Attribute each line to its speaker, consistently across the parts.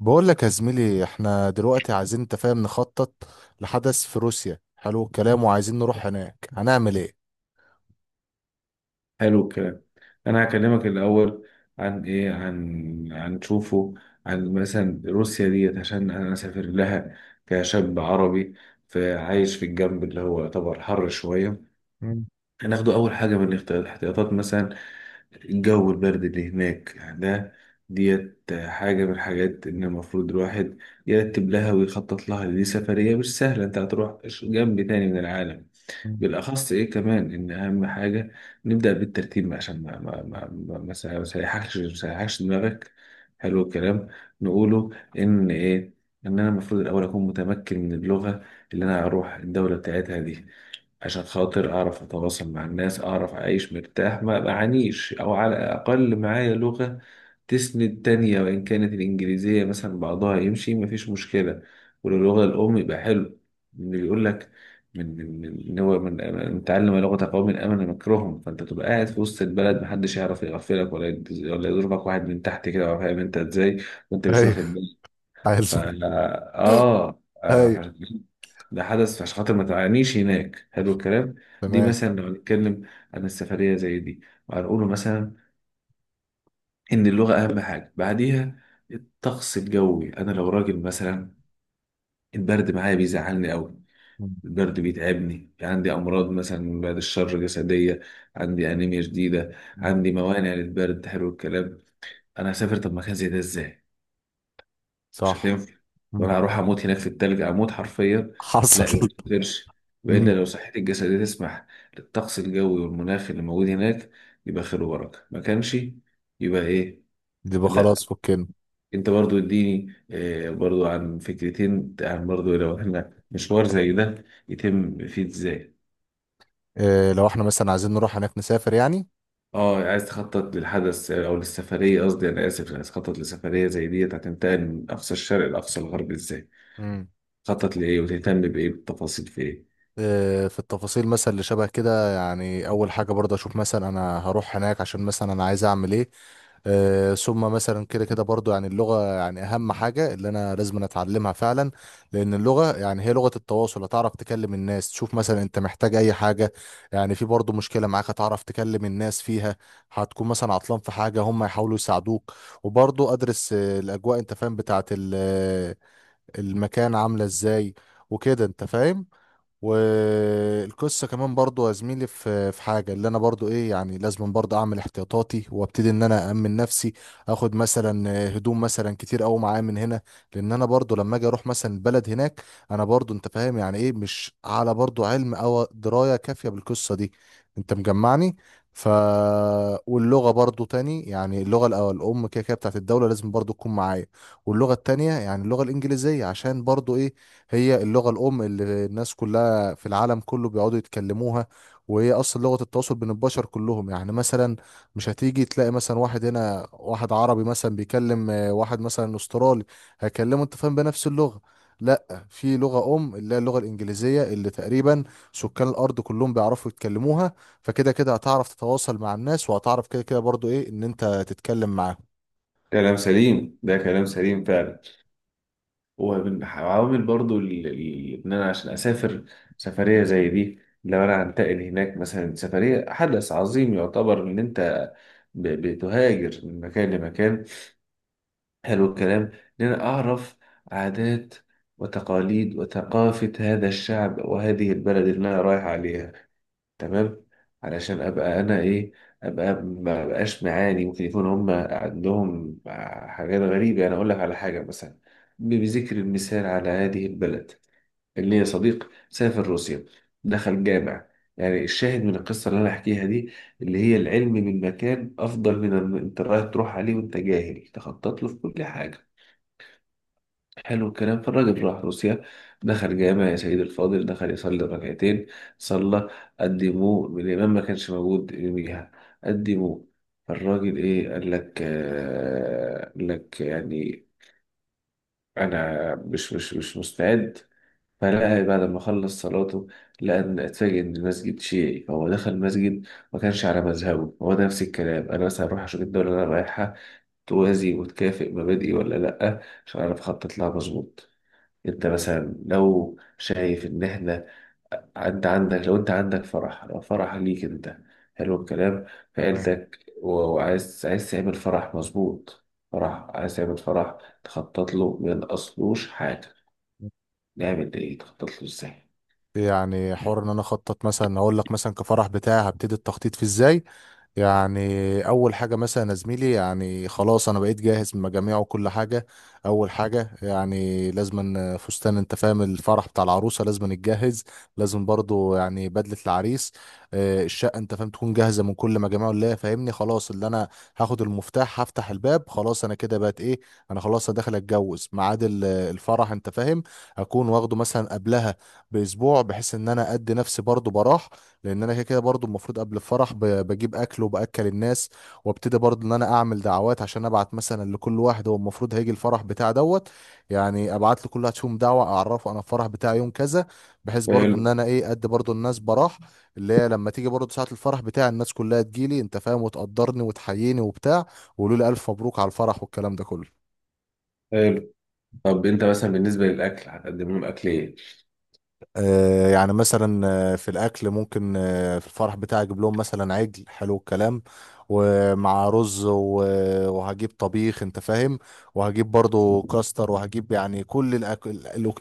Speaker 1: بقول لك يا زميلي، احنا دلوقتي عايزين، انت فاهم، نخطط لحدث في روسيا. حلو الكلام. وعايزين نروح هناك. هنعمل ايه؟
Speaker 2: حلو الكلام. انا هكلمك الاول عن ايه، عن تشوفه، عن مثلا روسيا ديت عشان انا اسافر لها كشاب عربي، فعايش في الجنب اللي هو يعتبر حر شويه.
Speaker 1: مم.
Speaker 2: هناخده اول حاجه من الاحتياطات، مثلا الجو البرد اللي هناك. يعني ده ديت حاجة من الحاجات إن المفروض الواحد يرتب لها ويخطط لها، لأن دي سفرية مش سهلة، أنت هتروح جنب تاني من العالم.
Speaker 1: مم.
Speaker 2: بالاخص ايه كمان، ان اهم حاجه نبدا بالترتيب عشان ما ما ما ما ما ما سيحكش دماغك. حلو الكلام. نقوله ان ايه، ان انا المفروض الاول اكون متمكن من اللغه اللي انا هروح الدوله بتاعتها دي، عشان خاطر أعرف أتواصل مع الناس، أعرف أعيش مرتاح ما بعانيش، أو على الأقل معايا لغة تسند تانية، وإن كانت الإنجليزية مثلا بعضها يمشي مفيش مشكلة، واللغة الأم يبقى حلو. اللي بيقول لك من إن هو من تعلم لغة قوم أمن مكرهم، فأنت تبقى قاعد في وسط البلد محدش يعرف يغفلك، ولا ولا يضربك واحد من تحت كده ولا فاهم أنت إزاي وأنت مش
Speaker 1: ايوه.
Speaker 2: واخد بالك. ف
Speaker 1: عايز.
Speaker 2: اه
Speaker 1: ايوه.
Speaker 2: آه، ده حدث عشان خاطر ما تعانيش هناك. حلو الكلام. دي
Speaker 1: تمام.
Speaker 2: مثلا لو هنتكلم عن السفرية زي دي، وهنقوله مثلا إن اللغة أهم حاجة. بعديها الطقس الجوي. أنا لو راجل مثلا، البرد معايا بيزعلني أوي،
Speaker 1: مم.
Speaker 2: البرد بيتعبني، عندي أمراض مثلا بعد الشر جسدية، عندي أنيميا شديدة،
Speaker 1: مم.
Speaker 2: عندي موانع للبرد. حلو الكلام. أنا هسافر طب مكان زي ده إزاي؟ مش
Speaker 1: صح.
Speaker 2: هتنفع،
Speaker 1: مم.
Speaker 2: ولا هروح اموت هناك في التلج اموت حرفيا. لا
Speaker 1: حصل.
Speaker 2: ما تقدرش،
Speaker 1: مم.
Speaker 2: بعيدا لو صحتي الجسدية تسمح للطقس الجوي والمناخ اللي موجود هناك يبقى خير وبركة، ما كانش يبقى ايه؟
Speaker 1: يبقى
Speaker 2: لا،
Speaker 1: خلاص، فكنا.
Speaker 2: انت برضو اديني برضو عن فكرتين، عن برضو لو احنا مشوار زي ده يتم فيه ازاي.
Speaker 1: اه، لو احنا مثلا عايزين نروح هناك، نسافر يعني.
Speaker 2: اه عايز تخطط للحدث او للسفرية، قصدي انا اسف، عايز تخطط لسفرية زي ديت هتنتقل من اقصى الشرق لاقصى الغرب ازاي؟
Speaker 1: مم.
Speaker 2: تخطط لايه وتهتم بايه؟ بالتفاصيل في ايه؟
Speaker 1: في التفاصيل مثلا اللي شبه كده، يعني اول حاجه برضه اشوف، مثلا انا هروح هناك عشان مثلا انا عايز اعمل ايه. ثم مثلا كده كده برضه، يعني اللغه، يعني اهم حاجه اللي انا لازم أنا اتعلمها فعلا. لان اللغه يعني هي لغه التواصل، هتعرف تكلم الناس، تشوف مثلا انت محتاج اي حاجه. يعني في برضه مشكله معاك هتعرف تكلم الناس فيها. هتكون مثلا عطلان في حاجه هم يحاولوا يساعدوك. وبرضه ادرس الاجواء، انت فاهم، بتاعت المكان عامله ازاي. وكده انت فاهم. والقصه كمان برضو يا زميلي، في حاجه اللي انا برضو ايه، يعني لازم برضو اعمل احتياطاتي وابتدي ان انا امن نفسي. اخد مثلا هدوم مثلا كتير قوي معايا من هنا. لان انا برضو لما اجي اروح مثلا البلد هناك، انا برضو انت فاهم يعني ايه، مش على برضو علم او درايه كافيه بالقصه دي. انت مجمعني. ف واللغه برضو تاني، يعني اللغه الأول الام كده كده بتاعت الدوله لازم برضو تكون معايا. واللغه التانيه يعني اللغه الانجليزيه، عشان برضو ايه، هي اللغه الام اللي الناس كلها في العالم كله بيقعدوا يتكلموها. وهي اصلا لغة التواصل بين البشر كلهم، يعني مثلا مش هتيجي تلاقي مثلا واحد هنا واحد عربي مثلا بيكلم واحد مثلا استرالي هيكلمه، انت فاهم، بنفس اللغة. لا، في لغة أم اللي هي اللغة الإنجليزية اللي تقريبا سكان الأرض كلهم بيعرفوا يتكلموها. فكده كده هتعرف تتواصل مع الناس، وهتعرف كده كده برضو إيه، إن أنت تتكلم معاهم.
Speaker 2: كلام سليم، ده كلام سليم فعلا. وعوامل برضو ان انا عشان اسافر سفريه زي دي، لو انا هنتقل هناك مثلا، سفريه حدث عظيم يعتبر ان انت بتهاجر من مكان لمكان. حلو الكلام. ان انا اعرف عادات وتقاليد وثقافه هذا الشعب وهذه البلد اللي انا رايح عليها. تمام. علشان ابقى انا ايه، ابقى ما بقاش معاني ممكن يكون هم عندهم حاجات غريبه. يعني اقول لك على حاجه، مثلا بذكر المثال على هذه البلد اللي هي صديق سافر روسيا دخل جامع. يعني الشاهد من القصه اللي انا احكيها دي، اللي هي العلم من مكان افضل من ان انت رايح تروح عليه وانت جاهل تخطط له في كل حاجه. حلو الكلام. فالراجل راح روسيا، دخل جامع يا سيد الفاضل، دخل يصلي ركعتين، صلى. قدموه، الإمام ما كانش موجود يوميها، قدموه. فالراجل إيه، قال لك يعني أنا مش مستعد. فلقى بعد ما خلص صلاته، لقى إن اتفاجئ إن المسجد شيعي، فهو دخل مسجد ما كانش على مذهبه هو. ده نفس الكلام. أنا مثلا هروح أشوف الدولة اللي أنا رايحها توازي وتكافئ مبادئي ولا لأ، عشان أعرف أخطط لها مظبوط. انت مثلا لو شايف ان احنا، انت عندك، لو انت عندك فرح، لو فرح ليك انت، حلو الكلام، في
Speaker 1: تمام.
Speaker 2: عيلتك وعايز تعمل فرح، مظبوط، فرح عايز تعمل فرح، تخطط له من اصلوش حاجة، نعمل ايه؟ تخطط له ازاي؟
Speaker 1: يعني حوار ان انا اخطط، مثلا اقول لك مثلا كفرح بتاعي هبتدي التخطيط فيه ازاي؟ يعني اول حاجه مثلا يا زميلي، يعني خلاص انا بقيت جاهز من مجاميع وكل حاجه. اول حاجه يعني لازم فستان، انت فاهم، الفرح بتاع العروسه لازم نتجهز. لازم برضو يعني بدله العريس. الشقه، انت فاهم، تكون جاهزه من كل مجاميع اللي هي فاهمني، خلاص اللي انا هاخد المفتاح هفتح الباب، خلاص انا كده بقت ايه، انا خلاص أنا داخل اتجوز ميعاد الفرح، انت فاهم، اكون واخده مثلا قبلها باسبوع، بحيث ان انا ادي نفسي برضو براح. لان انا كده كده برضو المفروض قبل الفرح بجيب اكل وباكل الناس. وابتدي برضو ان انا اعمل دعوات عشان ابعت مثلا لكل واحد هو المفروض هيجي الفرح بتاع دوت. يعني ابعت لكل واحد فيهم دعوه اعرفه انا الفرح بتاعي يوم كذا، بحيث برضو
Speaker 2: حلو.
Speaker 1: ان انا ايه، ادي برضو الناس براح. اللي هي لما تيجي برضو ساعه الفرح بتاعي الناس كلها تجيلي، انت فاهم، وتقدرني وتحييني وبتاع، ويقولوا لي الف مبروك على الفرح والكلام ده كله.
Speaker 2: حلو. طب انت مثلا بالنسبة للأكل هتقدم لهم أكل ايه؟
Speaker 1: يعني مثلا، في الاكل ممكن، في الفرح بتاعي اجيب لهم مثلا عجل. حلو الكلام. ومع رز وهجيب طبيخ، انت فاهم، وهجيب برضو كاستر وهجيب يعني كل الاكل.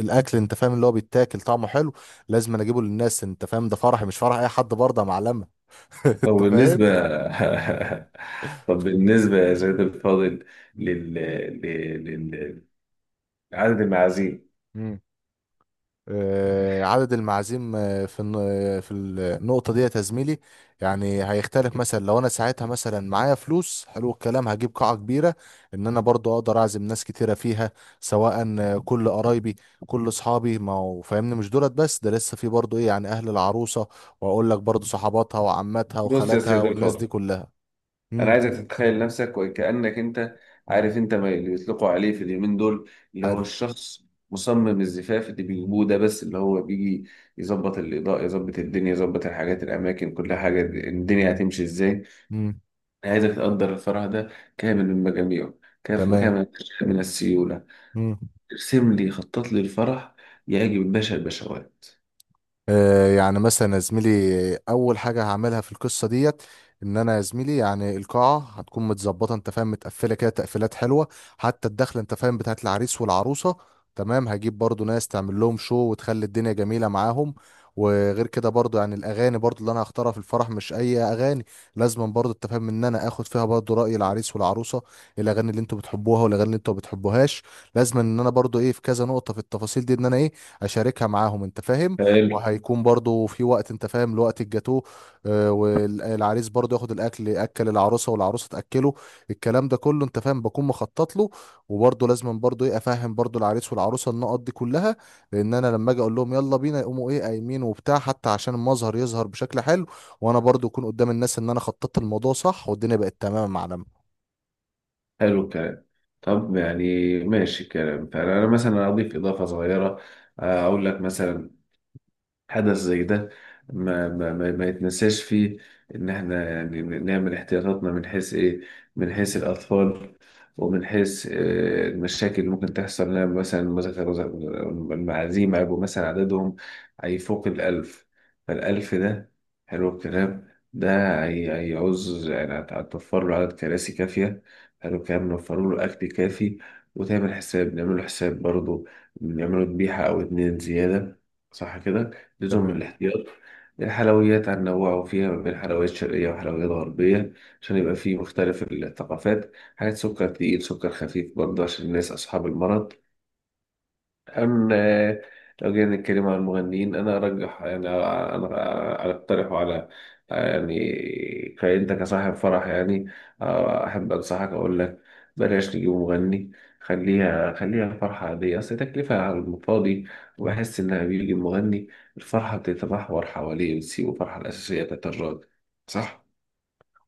Speaker 1: الاكل، انت فاهم، اللي هو بيتاكل طعمه حلو لازم أنا اجيبه للناس، انت فاهم، ده فرحي مش فرح اي حد برضه، يا معلمه.
Speaker 2: طب
Speaker 1: انت
Speaker 2: بالنسبة طب بالنسبة يا سيد الفاضل
Speaker 1: فاهم.
Speaker 2: لل... لل... لل... عدد المعازيم.
Speaker 1: عدد المعازيم، في النقطة دي يا زميلي، يعني هيختلف مثلا لو انا ساعتها مثلا معايا فلوس. حلو الكلام. هجيب قاعة كبيرة ان انا برضو اقدر اعزم ناس كتيرة فيها، سواء كل قرايبي كل اصحابي، ما هو فاهمني مش دولت بس، ده لسه في برضو ايه، يعني اهل العروسة، واقول لك برضو صحباتها وعماتها
Speaker 2: بص يا
Speaker 1: وخالاتها
Speaker 2: سيد
Speaker 1: والناس
Speaker 2: الفاضل،
Speaker 1: دي كلها.
Speaker 2: انا
Speaker 1: امم.
Speaker 2: عايزك تتخيل نفسك وكأنك انت
Speaker 1: امم.
Speaker 2: عارف انت، ما اللي بيطلقوا عليه في اليومين دول، اللي هو
Speaker 1: حلو.
Speaker 2: الشخص مصمم الزفاف اللي بيجيبوه ده، بس اللي هو بيجي يظبط الإضاءة، يظبط الدنيا، يظبط الحاجات الأماكن كل حاجة، الدنيا هتمشي إزاي.
Speaker 1: امم.
Speaker 2: أنا عايزك تقدر الفرح ده كامل من مجاميعه،
Speaker 1: تمام.
Speaker 2: كامل من السيولة.
Speaker 1: امم
Speaker 2: ارسم لي، خطط لي الفرح يعجب الباشا البشوات.
Speaker 1: يعني مثلا يا زميلي، اول حاجه هعملها في القصه ديت، ان انا يا زميلي يعني القاعه هتكون متظبطه، انت فاهم، متقفله كده تقفيلات حلوه، حتى الدخله، انت فاهم، بتاعت العريس والعروسه. تمام. هجيب برضو ناس تعمل لهم شو وتخلي الدنيا جميله معاهم. وغير كده برضو، يعني الاغاني برضو اللي انا هختارها في الفرح مش اي اغاني. لازم برضو، انت فاهم، ان انا اخد فيها برضو راي العريس والعروسه، الاغاني اللي انتوا بتحبوها والاغاني اللي انتوا ما بتحبوهاش. لازم ان انا برضو ايه، في كذا نقطه في التفاصيل دي، ان انا ايه اشاركها معاهم، انت فاهم.
Speaker 2: حلو.
Speaker 1: وهيكون برضو في وقت، انت فاهم، لوقت الجاتوه. والعريس برضو ياخد الاكل، اكل العروسه والعروسه تاكله، الكلام ده كله انت فاهم بكون مخطط له. وبرضو لازم برضو ايه، افهم برضو العريس والعروسه النقط دي كلها، لان انا لما اجي اقول لهم يلا بينا يقوموا ايه قايمين وبتاع، حتى عشان المظهر يظهر بشكل حلو، وانا برضو اكون قدام الناس ان انا خططت الموضوع صح والدنيا بقت تمام، يا معلم.
Speaker 2: حلو الكلام. طب يعني ماشي الكلام. فأنا مثلا أضيف إضافة صغيرة، أقول لك مثلا حدث زي ده ما يتنساش فيه، ان احنا يعني نعمل احتياطاتنا من حيث ايه، من حيث الاطفال، ومن حيث المشاكل اللي ممكن تحصل لنا. مثلا المعازيم هيبقوا مثلا عددهم هيفوق الألف. فالألف ده، حلو الكلام ده، هيعوز يعني هتوفر له عدد كراسي كافية، حلو الكلام، نوفر له أكل كافي، وتعمل حساب، نعمل له حساب برضه، نعمله ذبيحة أو اتنين زيادة. صح كده؟ لزوم
Speaker 1: تمام.
Speaker 2: الاحتياط. الحلويات عن نوعوا فيها ما بين حلويات شرقية وحلويات غربية عشان يبقى فيه مختلف الثقافات، حاجات سكر تقيل، سكر خفيف برضه عشان الناس أصحاب المرض. أم آه، لو جينا نتكلم عن المغنيين، أنا أرجح يعني، أنا أقترحه على، يعني كأنت كصاحب فرح يعني، أحب أنصحك أقول لك بلاش تجيب مغني. خليها خليها فرحة عادية، أصل تكلفة على المفاضي، وبحس إنها بيجي المغني الفرحة بتتمحور حواليه، بتسيب الفرحة الأساسية بتاعت الراجل. صح؟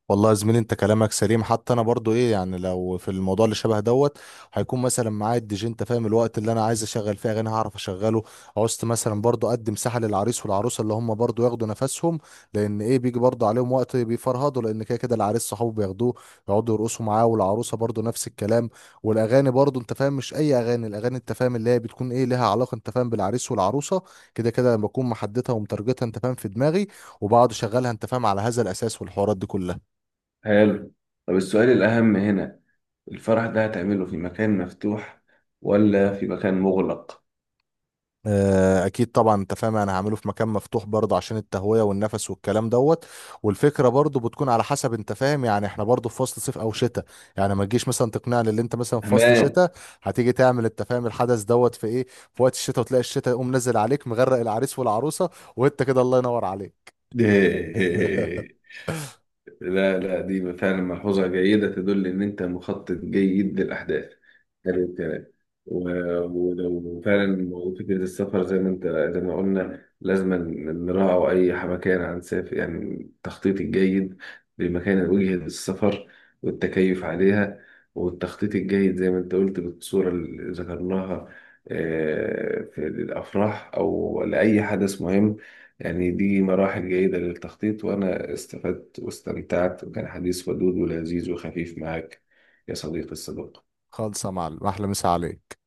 Speaker 1: والله يا زميلي، انت كلامك سليم، حتى انا برضو ايه، يعني لو في الموضوع اللي شبه دوت هيكون مثلا معايا الدي جي، انت فاهم، الوقت اللي انا عايز اشغل فيه اغاني هعرف اشغله. عوزت مثلا برضو ادي مساحه للعريس والعروسه اللي هم برضو ياخدوا نفسهم، لان ايه بيجي برضو عليهم وقت بيفرهدوا، لان كده كده العريس صحابه بياخدوه يقعدوا يرقصوا معاه، والعروسه برضو نفس الكلام. والاغاني برضو، انت فاهم، مش اي اغاني، الاغاني، انت فاهم، اللي هي بتكون ايه، لها علاقه، انت فاهم، بالعريس والعروسه، كده كده لما بكون محددها ومترجتها، انت فاهم، في دماغي، وبقعد اشغلها، انت فاهم، على هذا الاساس والحوارات دي كلها.
Speaker 2: حلو. طب السؤال الأهم هنا، الفرح ده هتعمله في مكان مفتوح ولا في مكان مغلق؟
Speaker 1: اكيد طبعا، انت فاهم، انا هعمله في مكان مفتوح برضه عشان التهويه والنفس والكلام دوت. والفكره برضه بتكون على حسب، انت فاهم، يعني احنا برضه في فصل صيف او شتاء. يعني ما تجيش مثلا تقنعني اللي انت مثلا في فصل
Speaker 2: أمان.
Speaker 1: شتاء هتيجي تعمل، انت فاهم، الحدث دوت في ايه، في وقت الشتاء، وتلاقي الشتاء يقوم نزل عليك مغرق العريس والعروسه، وانت كده الله ينور عليك.
Speaker 2: لا. لا، دي فعلا ملحوظة جيدة تدل إن أنت مخطط جيد للأحداث. حلو الكلام و- ولو فعلا موضوع فكرة السفر، زي ما قلنا لازم نراعي أي مكان هنسافر، يعني التخطيط الجيد لمكان وجهة السفر والتكيف عليها، والتخطيط الجيد زي ما أنت قلت بالصورة اللي ذكرناها، في الأفراح أو لأي حدث مهم. يعني دي مراحل جيدة للتخطيط، وأنا استفدت واستمتعت، وكان حديث ودود ولذيذ وخفيف معك يا صديقي الصدوق.
Speaker 1: خالصه يا معلم، احلى مسا عليك.